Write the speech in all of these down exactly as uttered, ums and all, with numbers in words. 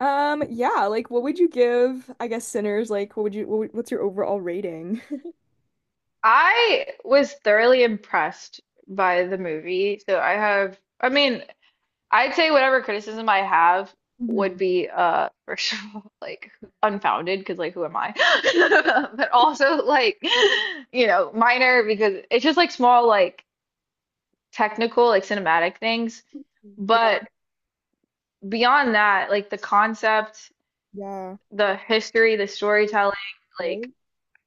Um, yeah, like what would you give, I guess, Sinners? Like, what would you, what, would- what's your overall rating? I was thoroughly impressed by the movie. So I have, I mean, I'd say whatever criticism I have would Hmm. be, uh, first of all, like unfounded because, like, who am I? But also, like, you know, minor because it's just like small, like technical, like cinematic things. Yeah, But beyond that, like the concept, yeah, the history, the storytelling, like right.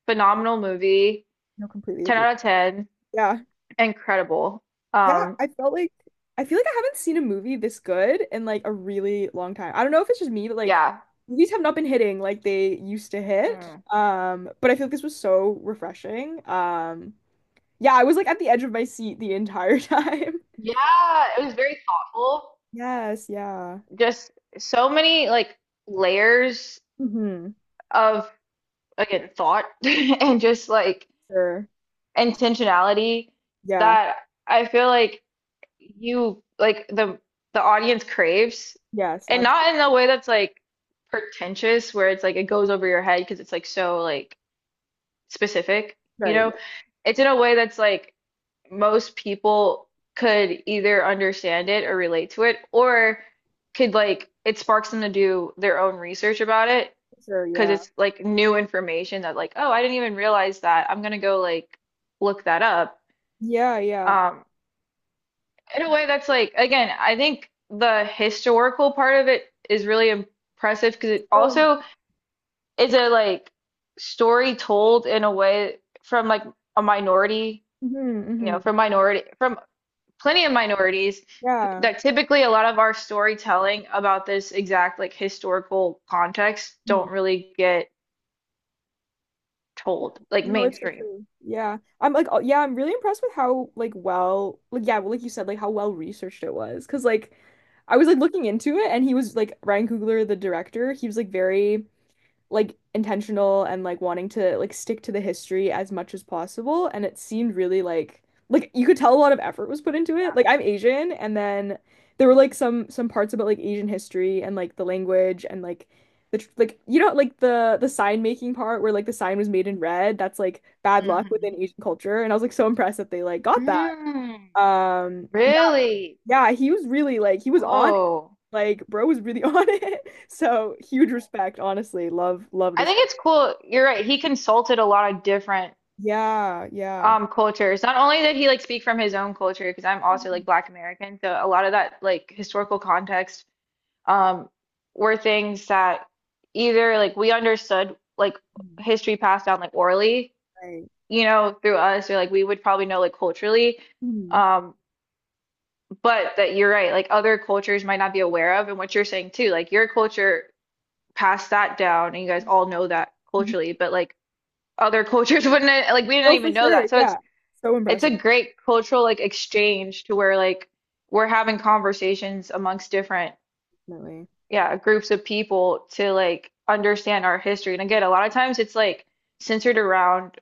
phenomenal movie, No, completely ten agree. out of ten, Yeah, incredible. yeah. Um, I felt like I feel like I haven't seen a movie this good in like a really long time. I don't know if it's just me, but like yeah, movies have not been hitting like they used to hit. Mm. Um, but I feel like this was so refreshing. Um, yeah, I was like at the edge of my seat the entire time. Yeah, it was very thoughtful. Yes, yeah. Just so many like layers Hmm. of again thought and just like Sure. intentionality Yeah. that I feel like you like the the audience craves, Yes, and absolutely. not in a way that's like pretentious where it's like it goes over your head because it's like so like specific, you Right. know? Yeah, It's in a way that's like most people could either understand it or relate to it, or could like it sparks them to do their own research about it sure. because Yeah. it's like new information that like, oh, I didn't even realize that, I'm gonna go like look that up. Yeah. Yeah. um in a way that's like, again, I think the historical part of it is really impressive because it Oh. also is a like story told in a way from like a minority, Mm-hmm, you know hmm. from minority, from plenty of minorities, Yeah. that typically a lot of our storytelling about this exact like historical context Mhm. don't really get told, like No, it's so mainstream. true. Yeah. I'm like, oh, yeah, I'm really impressed with how like well, like yeah, well, like you said, like how well researched it was. Because like, I was like looking into it, and he was like Ryan Coogler, the director. He was like very like intentional and like wanting to like stick to the history as much as possible, and it seemed really like like you could tell a lot of effort was put into it. Like, I'm Asian, and then there were like some some parts about like Asian history and like the language, and like the tr- like you know like the the sign making part, where like the sign was made in red, that's like bad luck within Hmm Asian culture, and I was like so impressed that they like got that. Mm, um yeah, really? yeah, he was really like he was on it. Whoa. Like, bro was really on it. So huge respect, honestly. Love, love I this. think it's cool. You're right. He consulted a lot of different Yeah, yeah. um cultures. Not only did he like speak from his own culture, because I'm also like Mhm. Black American, so a lot of that like historical context um were things that either like we understood, like Mhm. history passed down like orally, Right. you know, through us, or like we would probably know like culturally. Mhm. Um, but that you're right, like other cultures might not be aware of, and what you're saying too, like your culture passed that down, and you guys all know that Mhm. culturally, but like other cultures wouldn't, like, we didn't Oh, for even know sure. that. So it's Yeah. So it's impressive, a great cultural like exchange to where like we're having conversations amongst different definitely. yeah groups of people to like understand our history. And again, a lot of times it's like centered around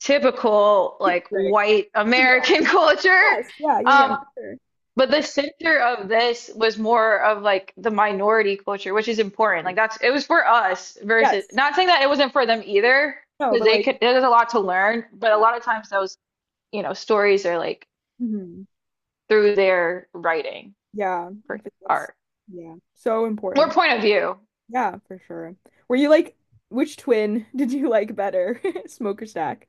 typical like Right. white Yeah. American culture. Yes. Yeah. Yeah. Yeah. Um, For but the center of this was more of like the minority culture, which is important. sure. Like that's it was for us versus, Yes. not saying that it wasn't for them either, No, because but they like, could, there's a lot to learn, but a yeah. lot of times those, you know, stories are like Hmm. through their writing, Yeah. I feel like that's, art, yeah, so or important. point of view. Yeah, for sure. Were you like, which twin did you like better? Smoke or stack?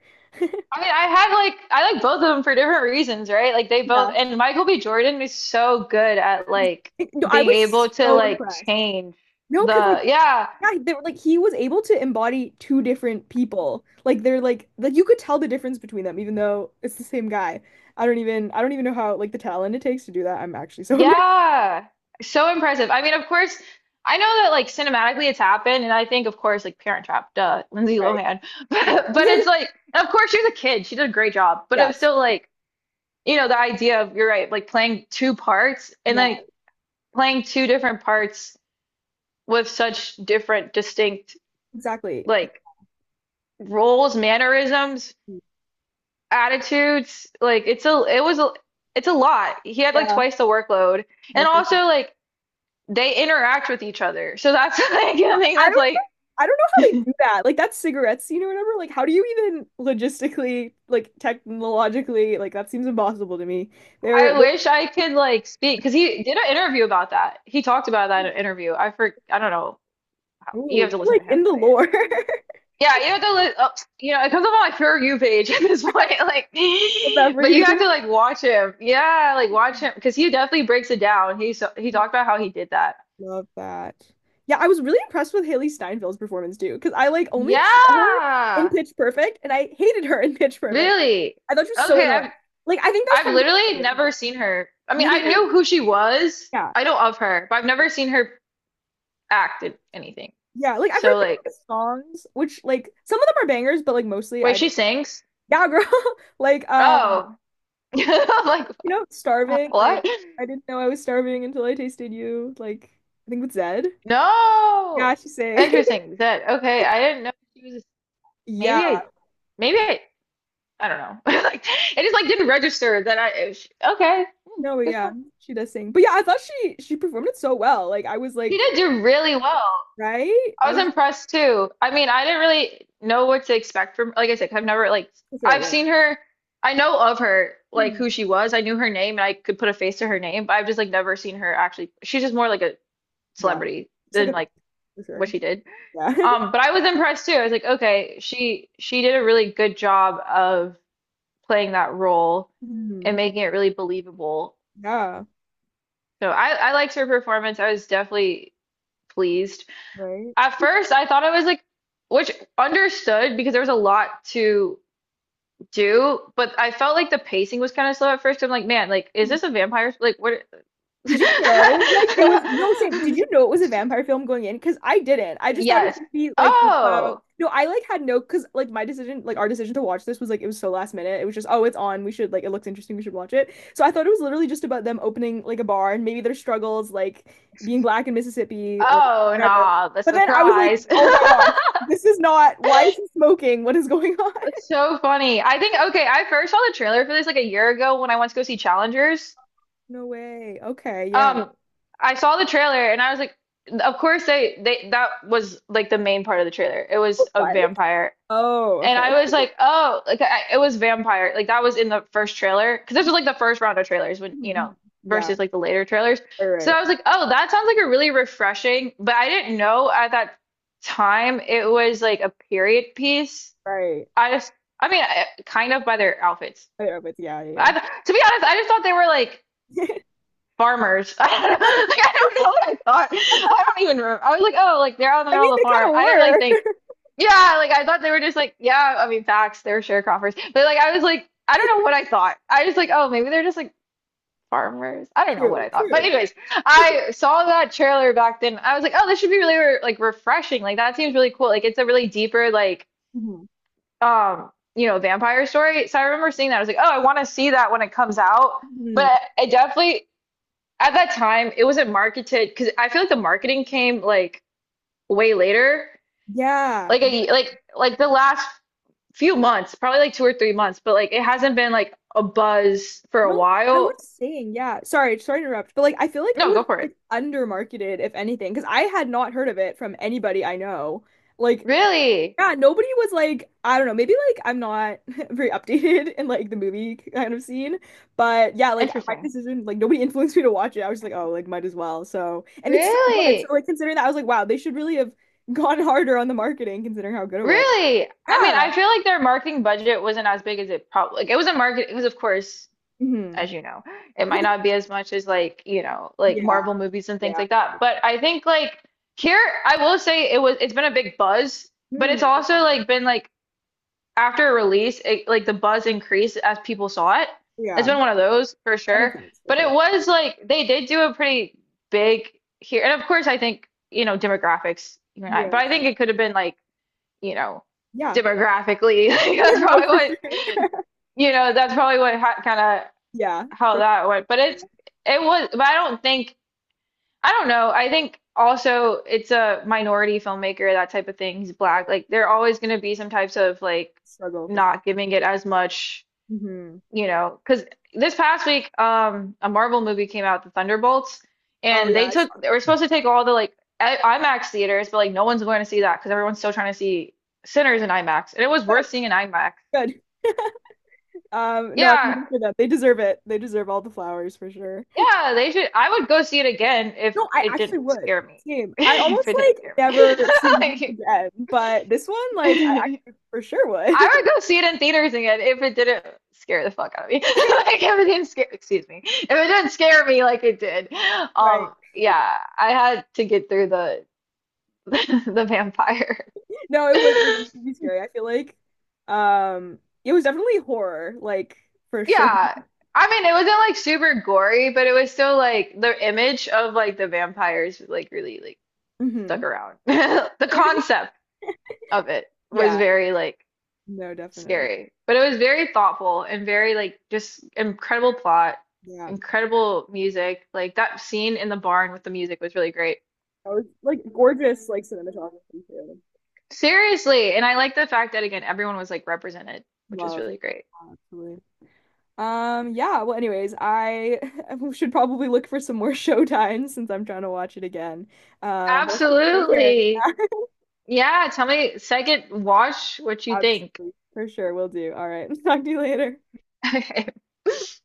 I mean, I have like I like both of them for different reasons, right? Like they Yeah. both, and Michael B. Jordan is so good at like It- no, I being able was to so like impressed. change No, because like the yeah, yeah, they were like he was able to embody two different people. Like, they're like like you could tell the difference between them, even though it's the same guy. I don't even I don't even know how like the talent it takes to do that. I'm actually so impressed. yeah. So impressive. I mean, of course, I know that like cinematically it's happened, and I think of course like Parent Trap, duh, Lindsay Right. Lohan. Yeah. But but it's like, of course she's a kid, she did a great job, but it was Yes. still like, you know, the idea of, you're right, like playing two parts, and Yeah. like playing two different parts with such different distinct Exactly. like roles, mannerisms, attitudes. Like it's a it was a it's a lot. He had like Yeah. twice the workload. No And freaking. also like they interact with each other. So that's like No, I thing I that's don't like I don't know how they do that. Like that cigarette scene or whatever. Like, how do you even logistically like technologically like that seems impossible to me. They're, I they're wish I could like speak because he did an interview about that. He talked about that in an interview. I for I don't know. You Ooh, have to you're listen like to in him the say it. lore Yeah, you have to li Oh, you know, it comes up on my For You page at this point. Like, of but every. you have to like watch him. Yeah, like watch him, because he definitely breaks it down. He so he talked about how he did that. Love that. Yeah, I was really impressed with Hailee Steinfeld's performance too, because I like only saw her in Yeah, Pitch Perfect, and I hated her in Pitch Perfect. really. I thought she was so Okay, I've annoying. Like, I think that was I've kind literally of never seen her. I mean, I really, knew who she was. yeah, I know of her, but I've never seen her act in anything. yeah. Like, I've heard So some of like, the songs, which like some of them are bangers, but like mostly wait, I, she sings? yeah, girl, like um, Oh. I'm like, you know, starving. what? Like, I didn't know I was starving until I tasted you. Like, I think with Zed. Yeah, No. she say, Interesting. That okay, I didn't know she was maybe I yeah. maybe I I don't know. Like it just like didn't register that I it was- okay. Hmm, No, but good for yeah, her. she does sing. But yeah, I thought she she performed it so well. Like I was She like, did do really well. right? I I was was like, impressed too. I mean, I didn't really know what to expect from, like I said, 'cause I've never like for sure, I've yeah. seen her, I know of her, like Mhm. who she was. I knew her name and I could put a face to her name, but I've just like never seen her actually. She's just more like a Yeah. celebrity It's like than a thing, like for what sure. she did. Yeah. Um, but I was impressed too. I was like, okay, she she did a really good job of playing that role and Mhm. making it really believable. Yeah, So I I liked her performance. I was definitely pleased. right. At first, I thought I was like, which understood because there was a lot to do, but I felt like the pacing was kind of slow at first. I'm like, man, like, is this a vampire? Like, what? Did you know? Like, it was no same. Did you know it was a vampire film going in? Because I didn't. I just thought it was Yes. gonna be like about Oh, no, I like had no because like my decision, like our decision to watch this was like it was so last minute. It was just, oh, it's on. We should like it looks interesting, we should watch it. So I thought it was literally just about them opening like a bar and maybe their struggles, like being black in Mississippi or oh, whatever. nah, the But then I was like, surprise. oh my gosh, this is not why is he smoking? What is going on? That's so funny. I think okay, I first saw the trailer for this like a year ago when I went to go see Challengers. No way. Okay, yeah. Um, I saw the trailer and I was like, of course they they that was like the main part of the trailer. It was a What? vampire. Oh, And okay. I was like, oh, like I, it was vampire. Like that was in the first trailer because this was like the first round of trailers when, you know, Mhm. Yeah. versus like the later trailers. All So I right. was like, oh, that sounds like a really refreshing, but I didn't know at that time it was like a period piece. Right. I just, I mean, I, kind of by their outfits. Oh, yeah, but yeah, I, yeah, to be honest, I just thought they were like yeah. farmers. I don't know, like, I don't know what I thought. I don't even remember. I was like, oh, like they're out in the I mean, middle of the they farm. kind of I didn't really were. think. Yeah, like I thought they were just like, yeah, I mean, facts, they're sharecroppers. But like, I was like, I don't know what I thought. I was like, oh, maybe they're just like farmers. I don't know what True, I thought. But true. anyways, I saw that trailer back then. I was like, oh, this should be really re- like refreshing. Like that seems really cool. Like it's a really deeper like Mhm. um, you know, vampire story. So I remember seeing that. I was like, oh, I want to see that when it comes out. Mhm. But it definitely at that time it wasn't marketed because I feel like the marketing came like way later, Yeah. like a like like the last few months, probably like two or three months, but like it hasn't been like a buzz for a No, I was while. saying, yeah. Sorry, sorry to interrupt, but like I feel like it No, was go for it. like undermarketed, if anything, because I had not heard of it from anybody I know. Like, Really yeah, nobody was like, I don't know, maybe like I'm not very updated in like the movie kind of scene, but yeah, like my interesting. decision, like nobody influenced me to watch it. I was just like, oh, like might as well. So, and it's so good. So, Really, like considering that, I was like, wow, they should really have gone harder on the marketing considering how good it was. really. I mean, Yeah. I feel like their marketing budget wasn't as big as it probably like it wasn't market. It was of course, Hmm. as you know. It might not be as much as like, you know, like Yeah. Marvel movies and things Yeah. like that. But I think like here, I will say it was it's been a big buzz, but it's Hmm. also like been like after a release, it, like the buzz increased as people saw it. It's Yeah. been one of those for That makes sure. sense for But it sure. was like they did do a pretty big here, and of course I think, you know, demographics, you know, Yeah. but I think True. it could have been like, you know, Yeah. demographically, like that's No, probably for what sure. you know that's probably what ha kind of Yeah. how For that went, but sure. Yeah, it's it was, but I don't think I don't know. I think also it's a minority filmmaker, that type of thing. He's black. true. Like there are always going to be some types of like Struggle for sure. not giving it as much, Hmm. you know, because this past week, um, a Marvel movie came out, The Thunderbolts, Oh and yeah, they I took saw. they were supposed to take all the like I- IMAX theaters, but like no one's going to see that because everyone's still trying to see Sinners in IMAX, and it was Good. worth seeing in IMAX. Good. Um, no, I'm Yeah, rooting for them. They deserve it. They deserve all the flowers for sure. yeah, they should. I would go see it again if No, I it actually didn't would. scare me. Same. I If almost it didn't like scare me. never see movies Like, again, but this one, like, I actually for sure would. I would go see it in theaters again if it didn't scare the fuck out of me. Like, if it didn't scare, excuse me, if it didn't scare me like it did. Right. Um, yeah, I had to get through the the vampire. No, it was it was pretty scary. I feel like um it was definitely horror, like for sure. Yeah. I mean, it wasn't like super gory, but it was still like the image of like the vampires like really like stuck Hmm. around. The concept of it was Yeah. very like No, definitely. scary. But it was very thoughtful and very like just incredible plot, Yeah. incredible music. Like that scene in the barn with the music was really great. I was like gorgeous like cinematography too. Seriously, and I like the fact that again everyone was like represented, which was Love, really great. absolutely. Um, yeah, well, anyways, I should probably look for some more showtime since I'm trying to watch it again. Um, but I'll talk to you later. Absolutely. Yeah, tell me second watch what you think. Absolutely. For sure, we will do. All right. Talk to you later.